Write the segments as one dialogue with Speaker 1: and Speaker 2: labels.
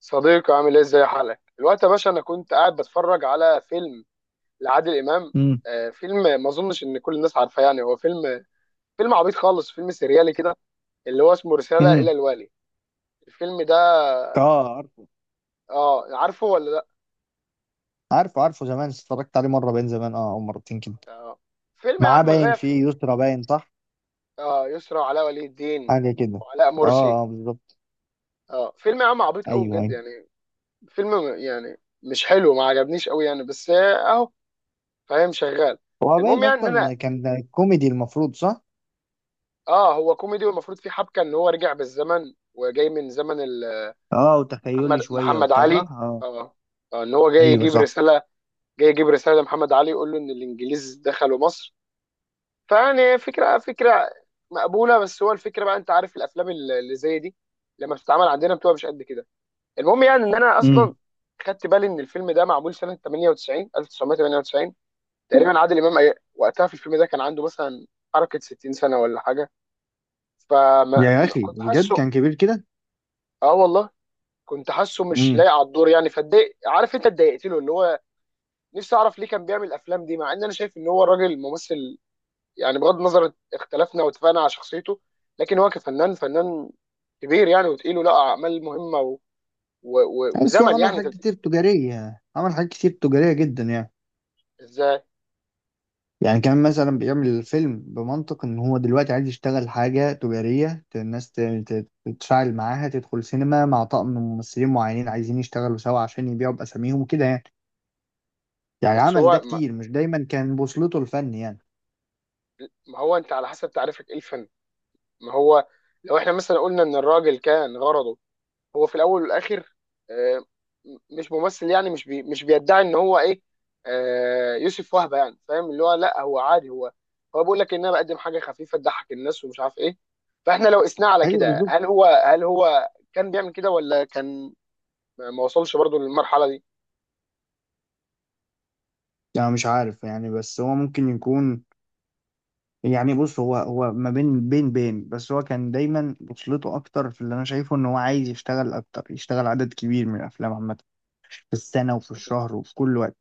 Speaker 1: صديقي عامل ايه، ازاي حالك الوقت يا باشا؟ انا كنت قاعد بتفرج على فيلم لعادل امام.
Speaker 2: امم.
Speaker 1: آه، فيلم ما اظنش ان كل الناس عارفاه. يعني هو فيلم عبيط خالص، فيلم سريالي كده، اللي هو اسمه رسالة
Speaker 2: امم.
Speaker 1: الى الوالي. الفيلم ده،
Speaker 2: اه، عارفه.
Speaker 1: اه، عارفه ولا لا؟
Speaker 2: عارفه، عارفه، زمان اتفرجت عليه مره، باين زمان، اه، او مرتين كده.
Speaker 1: اه، فيلم يا
Speaker 2: معاه،
Speaker 1: عم
Speaker 2: باين
Speaker 1: غاية في...
Speaker 2: فيه يسرا، باين، صح؟
Speaker 1: اه، يسرا وعلاء ولي الدين
Speaker 2: حاجه كده.
Speaker 1: وعلاء مرسي.
Speaker 2: اه، اه، بالظبط.
Speaker 1: اه، فيلم يا عم عبيط قوي
Speaker 2: ايوه،
Speaker 1: بجد
Speaker 2: ايوه.
Speaker 1: يعني. فيلم يعني مش حلو، ما عجبنيش قوي يعني، بس اهو. فاهم؟ شغال.
Speaker 2: هو
Speaker 1: المهم
Speaker 2: باين
Speaker 1: يعني ان انا...
Speaker 2: اصلا كان كوميدي، المفروض، صح؟
Speaker 1: اه، هو كوميدي والمفروض في حبكه ان هو رجع بالزمن وجاي من زمن
Speaker 2: اه،
Speaker 1: محمد
Speaker 2: وتخيلي شويه
Speaker 1: محمد
Speaker 2: وبتاع،
Speaker 1: علي.
Speaker 2: صح، اه.
Speaker 1: اه، ان هو جاي
Speaker 2: ايوه،
Speaker 1: يجيب
Speaker 2: صح.
Speaker 1: رساله، جاي يجيب رساله لمحمد علي يقول له ان الانجليز دخلوا مصر. فيعني فكره مقبوله. بس هو الفكره بقى، انت عارف الافلام اللي زي دي لما بتتعمل عندنا بتبقى مش قد كده. المهم يعني ان انا اصلا
Speaker 2: امم.
Speaker 1: خدت بالي ان الفيلم ده معمول سنه 98 1998 تقريبا. عادل امام وقتها في الفيلم ده كان عنده مثلا حركه 60 سنه ولا حاجه. فما
Speaker 2: يا
Speaker 1: ما-
Speaker 2: اخي،
Speaker 1: كنت
Speaker 2: بجد
Speaker 1: حاسه.
Speaker 2: كان كبير كده.
Speaker 1: اه والله، كنت حاسه مش
Speaker 2: امم.
Speaker 1: لايق على الدور يعني، فاتضايق. عارف انت اتضايقت له، اللي هو نفسي اعرف ليه كان بيعمل الافلام دي، مع ان انا شايف ان هو راجل ممثل. يعني بغض النظر اختلفنا واتفقنا على شخصيته، لكن هو كفنان، فنان كبير يعني، وتقيل، ولا اعمال مهمه
Speaker 2: بس هو
Speaker 1: وزمن
Speaker 2: عمل
Speaker 1: يعني. انت
Speaker 2: حاجات كتير تجاريه، عمل حاجات كتير تجاريه جدا يعني.
Speaker 1: ازاي؟
Speaker 2: يعني كمان مثلا بيعمل الفيلم بمنطق ان هو دلوقتي عايز يشتغل حاجة تجارية، الناس تتفاعل معاها، تدخل سينما مع طقم ممثلين معينين عايزين يشتغلوا سوا عشان يبيعوا بأساميهم وكده يعني. يعني
Speaker 1: بس
Speaker 2: عمل ده
Speaker 1: هو ما...
Speaker 2: كتير، مش دايما كان بوصلته الفن يعني.
Speaker 1: ما هو انت على حسب تعريفك ايه الفن. ما هو لو احنا مثلا قلنا ان الراجل كان غرضه هو في الاول والاخر، آه، مش ممثل يعني، مش مش بيدعي ان هو ايه، آه، يوسف وهبي يعني. فاهم؟ اللي هو لا، هو عادي، هو هو بيقول لك ان انا بقدم حاجه خفيفه تضحك الناس ومش عارف ايه. فاحنا لو قسناه على
Speaker 2: ايوه،
Speaker 1: كده، هل
Speaker 2: بالظبط.
Speaker 1: هو هل هو كان بيعمل كده، ولا كان ما وصلش برضو للمرحله دي؟
Speaker 2: يعني مش عارف يعني، بس هو ممكن يكون. يعني بص، هو ما بين بين بين، بس هو كان دايما بوصلته اكتر في اللي انا شايفه ان هو عايز يشتغل اكتر، يشتغل عدد كبير من الافلام عامة في السنة وفي الشهر وفي كل وقت.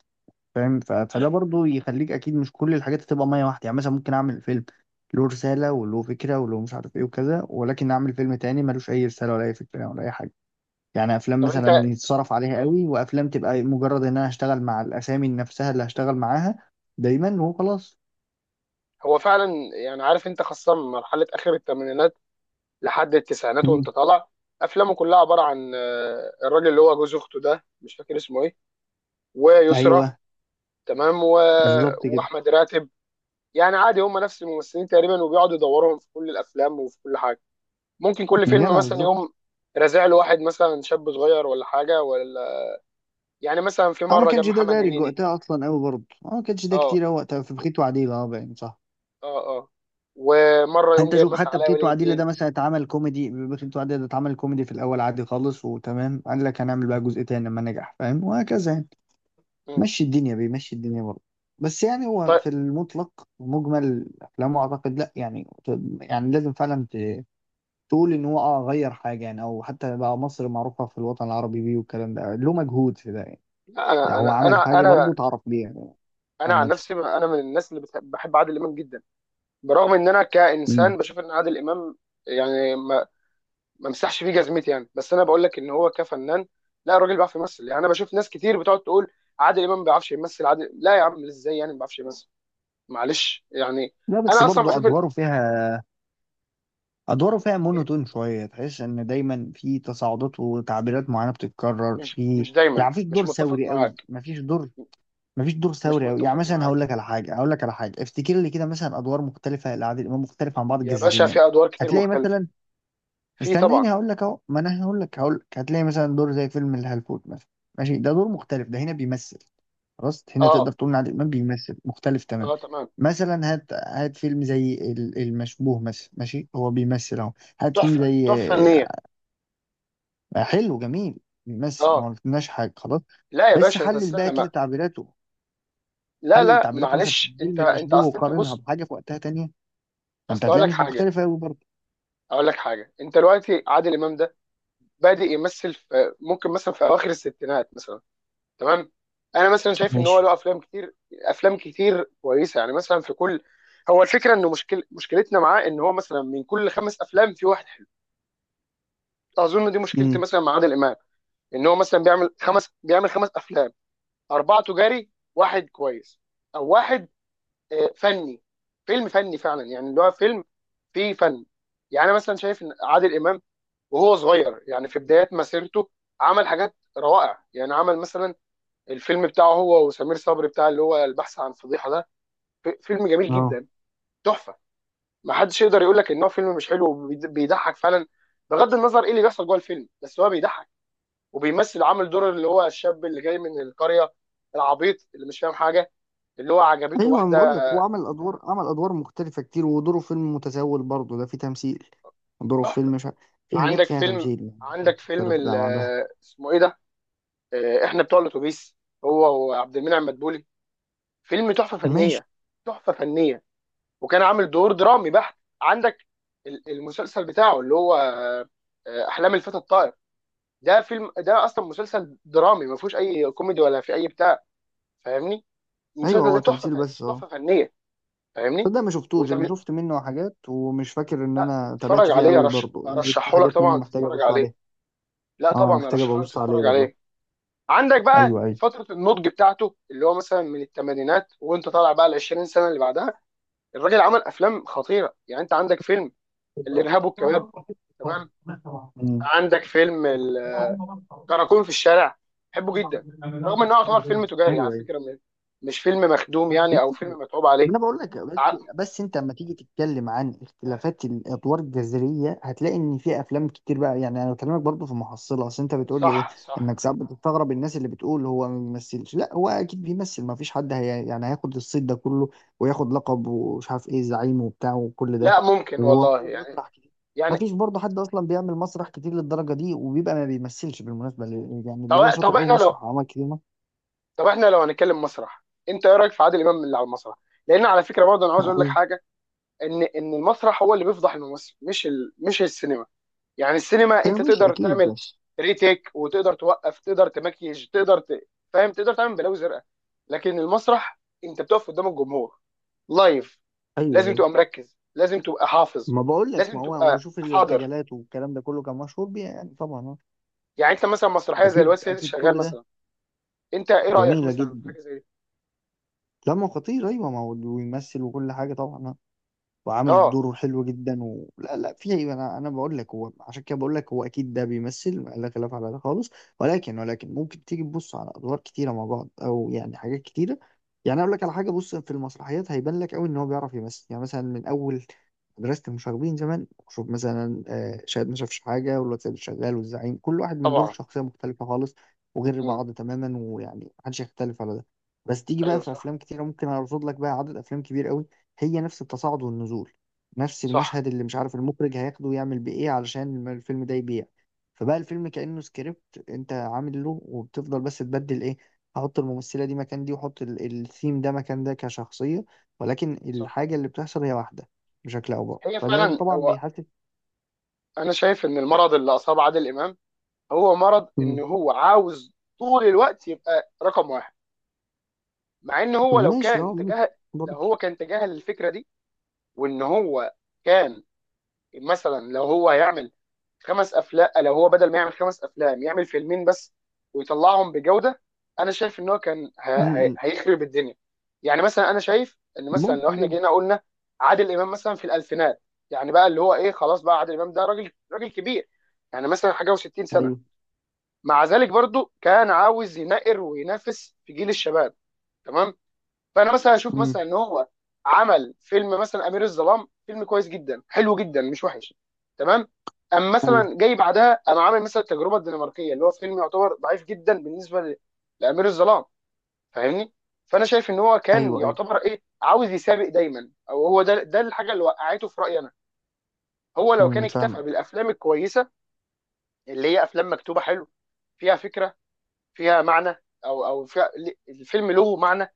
Speaker 2: فاهم؟ فده برضو يخليك اكيد مش كل الحاجات تبقى ميه واحده يعني. مثلا ممكن اعمل فيلم له رساله وله فكره وله مش عارف ايه وكذا، ولكن اعمل فيلم تاني ملوش اي رساله ولا اي فكره ولا اي حاجه. يعني افلام
Speaker 1: طب انت،
Speaker 2: مثلا يتصرف عليها
Speaker 1: آه،
Speaker 2: قوي، وافلام تبقى مجرد ان انا هشتغل مع الاسامي نفسها اللي هشتغل معاها دايما وخلاص.
Speaker 1: هو فعلا يعني. عارف انت، خاصه من مرحله اخر الثمانينات لحد التسعينات
Speaker 2: مم.
Speaker 1: وانت طالع، افلامه كلها عباره عن آه، الراجل اللي هو جوز اخته ده، مش فاكر اسمه ايه، ويسرى.
Speaker 2: ايوه،
Speaker 1: تمام،
Speaker 2: بالظبط كده.
Speaker 1: واحمد راتب. يعني عادي، هم نفس الممثلين تقريبا، وبيقعدوا يدورهم في كل الافلام وفي كل حاجه. ممكن كل فيلم
Speaker 2: جدع،
Speaker 1: مثلا
Speaker 2: بالظبط.
Speaker 1: يقوم رازع له واحد مثلا شاب صغير ولا حاجه ولا. يعني مثلا في
Speaker 2: اه، ما
Speaker 1: مره جاب
Speaker 2: كانش ده
Speaker 1: محمد
Speaker 2: دارج
Speaker 1: هنيدي.
Speaker 2: وقتها اصلا قوي برضه، اه ما كانش ده
Speaker 1: اه،
Speaker 2: كتير أوي وقتها في بخيت وعديل، اه، باين، صح.
Speaker 1: اه، اه. ومره يقوم
Speaker 2: انت
Speaker 1: جايب
Speaker 2: شوف
Speaker 1: مثلا
Speaker 2: حتى
Speaker 1: علاء
Speaker 2: بخيت
Speaker 1: ولي
Speaker 2: وعديلة
Speaker 1: الدين.
Speaker 2: ده مثلا اتعمل كوميدي، بخيت وعديلة ده اتعمل كوميدي في الاول عادي خالص وتمام، قال لك هنعمل بقى جزء تاني لما نجح، فاهم، وهكذا يعني.
Speaker 1: مم.
Speaker 2: مشي الدنيا، بيمشي الدنيا برضه. بس يعني هو
Speaker 1: طيب.
Speaker 2: في المطلق مجمل افلامه اعتقد لا يعني. يعني لازم فعلا تقول ان هو، اه، غير حاجه يعني، او حتى بقى مصر معروفه في الوطن العربي بيه، والكلام ده له مجهود في ده يعني،
Speaker 1: لا،
Speaker 2: يعني هو عمل
Speaker 1: انا
Speaker 2: حاجه
Speaker 1: انا
Speaker 2: برضه تعرف بيها يعني.
Speaker 1: انا عن
Speaker 2: عامه.
Speaker 1: نفسي انا من الناس اللي بحب عادل امام جدا. برغم ان انا كانسان
Speaker 2: مم.
Speaker 1: بشوف ان عادل امام يعني ما مسحش فيه جزمتي يعني، بس انا بقول لك ان هو كفنان، لا، الراجل بيعرف يمثل يعني. انا بشوف ناس كتير بتقعد تقول عادل امام ما بيعرفش يمثل. عادل، لا يا عم، ازاي يعني ما بيعرفش يمثل؟ معلش يعني،
Speaker 2: لا، بس
Speaker 1: انا اصلا
Speaker 2: برضه
Speaker 1: بشوف إن-
Speaker 2: ادواره فيها، ادواره فيها
Speaker 1: إيه،
Speaker 2: مونوتون شويه. تحس ان دايما في تصاعدات وتعبيرات معينه بتتكرر
Speaker 1: مش
Speaker 2: في.
Speaker 1: مش دايما،
Speaker 2: يعني مفيش
Speaker 1: مش
Speaker 2: دور
Speaker 1: متفق
Speaker 2: ثوري قوي،
Speaker 1: معاك.
Speaker 2: مفيش دور، مفيش دور
Speaker 1: مش
Speaker 2: ثوري قوي، يعني
Speaker 1: متفق
Speaker 2: مثلا هقول
Speaker 1: معاك
Speaker 2: لك على حاجه، هقول لك على حاجه، افتكر لي كده، مثلا ادوار مختلفه لعادل امام مختلفه عن بعض
Speaker 1: يا باشا،
Speaker 2: جذريا.
Speaker 1: في ادوار كتير
Speaker 2: هتلاقي
Speaker 1: مختلفه.
Speaker 2: مثلا،
Speaker 1: في طبعا.
Speaker 2: استناني هقول لك، اهو ما انا هقول لك، هقول لك، هتلاقي مثلا دور زي فيلم الهلفوت مثلا. ماشي، ده دور مختلف، ده هنا بيمثل. خلاص، هنا
Speaker 1: اه
Speaker 2: تقدر تقول ان عادل امام بيمثل مختلف تمام.
Speaker 1: اه تمام.
Speaker 2: مثلا هات، هات فيلم زي المشبوه مثلا، ماشي، هو بيمثل اهو. هات فيلم
Speaker 1: تحفه،
Speaker 2: زي.
Speaker 1: تحفه فنيه.
Speaker 2: آه، حلو، جميل. بيمثل
Speaker 1: اه،
Speaker 2: ما قلناش حاجه، خلاص.
Speaker 1: لا يا
Speaker 2: بس
Speaker 1: باشا،
Speaker 2: حلل
Speaker 1: تستنى
Speaker 2: بقى كده
Speaker 1: ما.
Speaker 2: تعبيراته.
Speaker 1: لا
Speaker 2: حلل
Speaker 1: لا
Speaker 2: تعبيراته مثلا في
Speaker 1: معلش، انت
Speaker 2: فيلم
Speaker 1: انت
Speaker 2: المشبوه
Speaker 1: اصل انت
Speaker 2: وقارنها
Speaker 1: بص.
Speaker 2: بحاجه في وقتها تانية، فانت
Speaker 1: اصل اقول
Speaker 2: هتلاقيها
Speaker 1: لك
Speaker 2: مش
Speaker 1: حاجه
Speaker 2: مختلفه قوي برضه.
Speaker 1: اقول لك حاجه انت دلوقتي عادل امام ده بادئ يمثل في، ممكن مثلا في اواخر الستينات مثلا، تمام، انا مثلا شايف ان هو
Speaker 2: ماشي.
Speaker 1: له افلام كتير كويسه يعني مثلا. في كل... هو الفكره انه مشكلتنا معاه ان هو مثلا من كل خمس افلام في واحد حلو. اظن دي مشكلتي
Speaker 2: امم.
Speaker 1: مثلا مع عادل امام، ان هو مثلا بيعمل خمس افلام، اربعه تجاري، واحد كويس او واحد آه، فني، فيلم فني فعلا يعني، اللي هو فيلم فيه فن. يعني أنا مثلا شايف ان عادل امام وهو صغير يعني في بدايات مسيرته، عمل حاجات روائع يعني. عمل مثلا الفيلم بتاعه هو وسمير صبري بتاع اللي هو البحث عن فضيحه ده، فيلم جميل
Speaker 2: اه.
Speaker 1: جدا، تحفه. ما حدش يقدر يقول لك ان هو فيلم مش حلو. بيضحك فعلا، بغض النظر ايه اللي بيحصل جوه الفيلم، بس هو بيضحك وبيمثل. عامل دور اللي هو الشاب اللي جاي من القريه، العبيط اللي مش فاهم حاجه، اللي هو عجبته
Speaker 2: ايوه، انا
Speaker 1: واحده.
Speaker 2: بقول لك هو عمل ادوار، عمل ادوار مختلفه كتير، ودوره في فيلم متسول برضه ده فيه تمثيل، دوره في
Speaker 1: تحفه.
Speaker 2: فيلم مش ع- في حاجات
Speaker 1: عندك
Speaker 2: فيها
Speaker 1: فيلم
Speaker 2: تمثيل يعني،
Speaker 1: عندك فيلم
Speaker 2: مختلف، ده مع ده.
Speaker 1: اسمه ايه ده، آه، احنا بتوع الاتوبيس، هو وعبد المنعم مدبولي، فيلم تحفه
Speaker 2: ماشي.
Speaker 1: فنيه، تحفه فنيه. وكان عامل دور درامي بحت. عندك المسلسل بتاعه اللي هو احلام الفتى الطائر. ده فيلم، ده اصلا مسلسل درامي ما فيهوش اي كوميدي ولا في اي بتاع. فاهمني؟
Speaker 2: ايوه،
Speaker 1: المسلسل ده
Speaker 2: هو
Speaker 1: تحفه،
Speaker 2: تمثيل، بس اه،
Speaker 1: تحفه فنيه. فاهمني؟
Speaker 2: صدق ما شفتوش، انا
Speaker 1: وتتفرج
Speaker 2: شفت منه حاجات ومش فاكر ان انا تابعت فيه
Speaker 1: عليه.
Speaker 2: قوي برضه يعني، بس في
Speaker 1: ارشحه لك
Speaker 2: حاجات منه
Speaker 1: طبعا،
Speaker 2: محتاجه
Speaker 1: تتفرج
Speaker 2: ابص
Speaker 1: عليه.
Speaker 2: عليها.
Speaker 1: لا
Speaker 2: اه،
Speaker 1: طبعا
Speaker 2: محتاجه
Speaker 1: ارشحه لك
Speaker 2: ابص عليه
Speaker 1: تتفرج
Speaker 2: والله.
Speaker 1: عليه. عندك بقى
Speaker 2: ايوه، ايوه.
Speaker 1: فتره النضج بتاعته، اللي هو مثلا من الثمانينات وانت طالع بقى ال 20 سنه اللي بعدها، الراجل عمل افلام خطيره يعني. انت عندك فيلم الارهاب والكباب، تمام.
Speaker 2: امم.
Speaker 1: عندك فيلم الكراكون في الشارع، بحبه جدا. رغم انه يعتبر
Speaker 2: ايوه،
Speaker 1: فيلم تجاري على
Speaker 2: ايوه.
Speaker 1: فكره، مش فيلم مخدوم يعني، او
Speaker 2: ماشي.
Speaker 1: فيلم متعوب
Speaker 2: ما
Speaker 1: عليه.
Speaker 2: انا بقول لك، بس
Speaker 1: ع-
Speaker 2: بس انت لما تيجي تتكلم عن اختلافات الادوار الجذريه، هتلاقي ان في افلام كتير بقى يعني. انا بكلمك برضو في محصله، اصل انت بتقول لي ايه،
Speaker 1: صح
Speaker 2: انك
Speaker 1: صح.
Speaker 2: ساعات بتستغرب الناس اللي بتقول هو ما بيمثلش. لا، هو اكيد بيمثل، ما فيش حد هي يعني هياخد الصيت ده كله وياخد لقب، ومش عارف ايه، زعيم، وبتاع وكل ده.
Speaker 1: لا ممكن والله
Speaker 2: وعامل
Speaker 1: يعني.
Speaker 2: مسرح كتير. ما
Speaker 1: يعني.
Speaker 2: فيش برضه حد اصلا بيعمل مسرح كتير للدرجه دي وبيبقى ما بيمثلش، بالمناسبه، يعني
Speaker 1: طب
Speaker 2: اللي بيبقى
Speaker 1: طب
Speaker 2: شاطر قوي
Speaker 1: احنا لو
Speaker 2: مسرح وعمل كتير مسرح.
Speaker 1: طب احنا لو هنتكلم مسرح، انت ايه رايك في عادل امام اللي على المسرح؟ لان على فكره برضه انا عاوز اقول لك
Speaker 2: ايوه،
Speaker 1: حاجه، ان المسرح هو اللي بيفضح الممثل، مش السينما. يعني السينما
Speaker 2: أيوة،
Speaker 1: انت
Speaker 2: ماشي،
Speaker 1: تقدر
Speaker 2: اكيد،
Speaker 1: تعمل
Speaker 2: ماشي.
Speaker 1: ريتيك وتقدر توقف، تقدر تمكيج، تقدر فاهم، تقدر تعمل بلاوي زرقاء. لكن المسرح انت بتقف قدام الجمهور لايف،
Speaker 2: ايوه،
Speaker 1: لازم
Speaker 2: أيوة.
Speaker 1: تبقى مركز، لازم تبقى حافظ،
Speaker 2: ما بقول لك، ما
Speaker 1: لازم
Speaker 2: هو
Speaker 1: تبقى
Speaker 2: وشوف
Speaker 1: حاضر.
Speaker 2: الارتجالات والكلام ده كله كان مشهور بيها يعني، طبعا، آه.
Speaker 1: يعني انت مثلا مسرحيه زي الواد
Speaker 2: اكيد،
Speaker 1: سيد
Speaker 2: اكيد،
Speaker 1: شغال
Speaker 2: كل ده.
Speaker 1: مثلا، انت ايه رايك
Speaker 2: جميله
Speaker 1: مثلا في
Speaker 2: جدا.
Speaker 1: حاجه زي دي؟
Speaker 2: لما خطير، ايوه، ما هو ويمثل وكل حاجه طبعا، آه. وعامل
Speaker 1: اه
Speaker 2: الدور حلو جدا، لا، لا. في، انا بقول لك هو، عشان كده بقول لك هو اكيد ده بيمثل، لا خلاف على ده خالص. ولكن ممكن تيجي تبص على ادوار كتيره مع بعض، او يعني حاجات كتيره. يعني اقول لك على حاجه، بص، في المسرحيات هيبان لك قوي ان هو بيعرف يمثل. يعني مثلا من اول مدرسه المشاغبين زمان، شوف مثلا آه، شاهد ما شافش حاجه، والواد سيد الشغال، والزعيم، كل واحد من دول
Speaker 1: طبعا.
Speaker 2: شخصيه مختلفه خالص وغير
Speaker 1: مم.
Speaker 2: بعض تماما، ويعني محدش يختلف على ده. بس تيجي بقى
Speaker 1: ايوه
Speaker 2: في
Speaker 1: صح
Speaker 2: افلام كتيره، ممكن ارصد لك بقى عدد افلام كبير قوي هي نفس التصاعد والنزول، نفس
Speaker 1: صح
Speaker 2: المشهد اللي مش عارف المخرج هياخده ويعمل بيه ايه علشان الفيلم ده يبيع. فبقى الفيلم كأنه سكريبت انت عامل له، وبتفضل بس تبدل ايه، احط الممثلة دي مكان دي، واحط الثيم ده مكان ده كشخصية. ولكن
Speaker 1: صح.
Speaker 2: الحاجة اللي بتحصل هي واحدة بشكل او باخر،
Speaker 1: هي
Speaker 2: فده
Speaker 1: فعلا،
Speaker 2: طبعا
Speaker 1: هو
Speaker 2: بيحسس.
Speaker 1: انا شايف ان المرض اللي اصاب عادل امام هو مرض ان
Speaker 2: مم.
Speaker 1: هو عاوز طول الوقت يبقى رقم واحد. مع ان هو لو
Speaker 2: ماشي، اه،
Speaker 1: كان
Speaker 2: ممكن،
Speaker 1: تجاهل، لو
Speaker 2: برضه.
Speaker 1: هو كان تجاهل الفكره دي، وان هو كان مثلا، لو هو هيعمل خمس افلام، لو هو بدل ما يعمل خمس افلام يعمل فيلمين بس ويطلعهم بجوده، انا شايف ان هو كان
Speaker 2: مم.
Speaker 1: هيخرب الدنيا. يعني مثلا انا شايف ان مثلا لو
Speaker 2: ممكن
Speaker 1: احنا
Speaker 2: جدا.
Speaker 1: جينا قلنا عادل امام مثلا في الالفينات، يعني بقى اللي هو ايه، خلاص بقى عادل امام ده راجل، راجل كبير يعني، مثلا حاجه و60 سنه.
Speaker 2: ايوه.
Speaker 1: مع ذلك برضو كان عاوز ينقر وينافس في جيل الشباب. تمام. فانا مثلا اشوف مثلا
Speaker 2: مم.
Speaker 1: ان هو عمل فيلم مثلا امير الظلام، فيلم كويس جدا، حلو جدا مش وحش، تمام. اما
Speaker 2: ايوه،
Speaker 1: مثلا جاي بعدها انا عامل مثلا التجربه الدنماركيه، اللي هو فيلم يعتبر ضعيف جدا بالنسبه لامير الظلام. فاهمني؟ فانا شايف ان هو كان
Speaker 2: ايوه. ايوه.
Speaker 1: يعتبر ايه، عاوز يسابق دايما، او هو ده ده الحاجه اللي وقعته في رايي انا. هو لو كان
Speaker 2: مم.
Speaker 1: اكتفى
Speaker 2: فاهمك.
Speaker 1: بالافلام الكويسه، اللي هي افلام مكتوبه حلو، فيها فكره، فيها معنى، او فيها... الفيلم له معنى،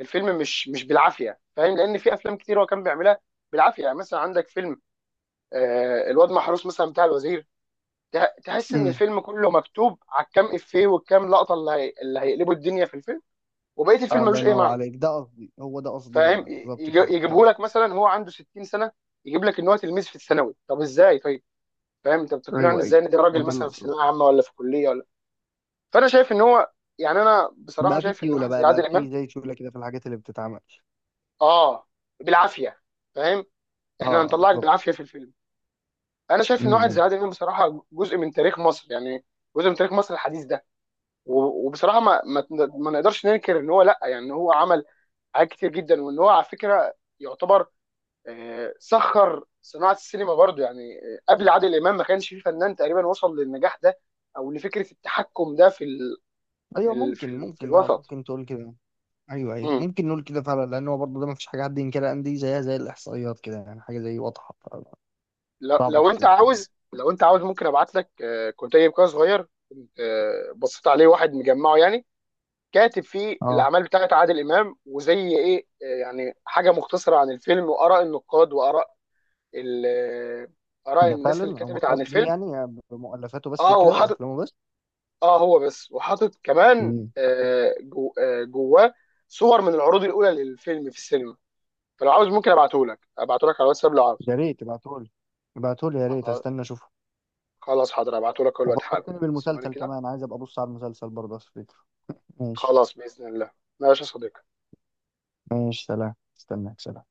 Speaker 1: الفيلم مش بالعافيه. فاهم؟ لان في افلام كتير هو كان بيعملها بالعافيه. يعني مثلا عندك فيلم آه الواد محروس مثلا بتاع الوزير، تحس ان
Speaker 2: مم.
Speaker 1: الفيلم كله مكتوب على الكام افيه والكام لقطه، اللي هي... اللي هيقلبوا الدنيا في الفيلم. وبقيه الفيلم
Speaker 2: الله
Speaker 1: ملوش اي
Speaker 2: ينور
Speaker 1: معنى.
Speaker 2: عليك، ده قصدي، هو ده قصدي
Speaker 1: فاهم؟
Speaker 2: بقى، بالظبط كده، ده
Speaker 1: يجيبه لك
Speaker 2: قصدي.
Speaker 1: مثلا هو عنده 60 سنه، يجيب لك ان هو تلميذ في الثانوي. طب ازاي طيب؟ فاهم؟ انت بتقنعني
Speaker 2: ايوه، ايوه،
Speaker 1: ازاي ان ده
Speaker 2: هو
Speaker 1: راجل
Speaker 2: ده اللي
Speaker 1: مثلا في
Speaker 2: اقصده.
Speaker 1: ثانويه عامه ولا في كليه ولا. فانا شايف ان هو يعني، انا بصراحه
Speaker 2: بقى في
Speaker 1: شايف ان
Speaker 2: سيوله،
Speaker 1: واحد زي
Speaker 2: بقى
Speaker 1: عادل امام،
Speaker 2: في زي سيوله كده في الحاجات اللي بتتعمل.
Speaker 1: اه، بالعافيه. فاهم؟ احنا
Speaker 2: اه،
Speaker 1: هنطلعك بالعافيه
Speaker 2: بالظبط.
Speaker 1: في الفيلم. انا شايف ان
Speaker 2: امم.
Speaker 1: واحد زي
Speaker 2: إمم.
Speaker 1: عادل امام بصراحه جزء من تاريخ مصر يعني، جزء من تاريخ مصر الحديث ده. وبصراحه ما نقدرش ننكر ان هو، لا يعني، إن هو عمل حاجات كتير جدا، وان هو على فكره يعتبر آه، سخر صناعه السينما برضو يعني. آه، قبل عادل امام ما كانش في فنان تقريبا وصل للنجاح ده او لفكره التحكم ده
Speaker 2: ايوه، ممكن،
Speaker 1: في
Speaker 2: ممكن، اه
Speaker 1: الوسط.
Speaker 2: ممكن تقول كده. ايوه، ايوه،
Speaker 1: مم.
Speaker 2: ممكن نقول كده فعلا. لان هو برضه ده ما فيش حاجه حد ينكرها ان دي زيها زي الاحصائيات كده يعني حاجه زي واضحه.
Speaker 1: لو,
Speaker 2: صعب
Speaker 1: لو انت
Speaker 2: تبقى.
Speaker 1: عاوز، لو انت عاوز ممكن ابعت لك آه، كنت جايب كده صغير، كنت آه، بصيت عليه، واحد مجمعه يعني، كاتب فيه
Speaker 2: اه،
Speaker 1: الاعمال بتاعت عادل امام وزي ايه آه، يعني حاجه مختصره عن الفيلم واراء النقاد واراء ال- آه، اراء
Speaker 2: ده
Speaker 1: الناس
Speaker 2: فعلا
Speaker 1: اللي
Speaker 2: هو
Speaker 1: كتبت عن
Speaker 2: خاص بيه
Speaker 1: الفيلم.
Speaker 2: يعني بمؤلفاته بس
Speaker 1: اه
Speaker 2: وكده
Speaker 1: وحاطط،
Speaker 2: افلامه بس.
Speaker 1: اه هو بس وحاطط كمان
Speaker 2: امم.
Speaker 1: آه، جواه صور من العروض الاولى للفيلم في السينما. فلو عاوز ممكن ابعته لك، ابعته لك على الواتساب لو عاوز.
Speaker 2: يا ريت ابعتهولي. ابعتهولي يا ريت،
Speaker 1: خلاص،
Speaker 2: استنى اشوفه.
Speaker 1: خلاص حاضر ابعته لك دلوقتي حالا.
Speaker 2: وفكرتني
Speaker 1: ثواني
Speaker 2: بالمسلسل
Speaker 1: كده.
Speaker 2: كمان، عايز ابقى ابص على المسلسل برضه، بس فكرة. ماشي.
Speaker 1: خلاص باذن الله. ماشي يا صديقي.
Speaker 2: ماشي، سلام، استناك، سلام.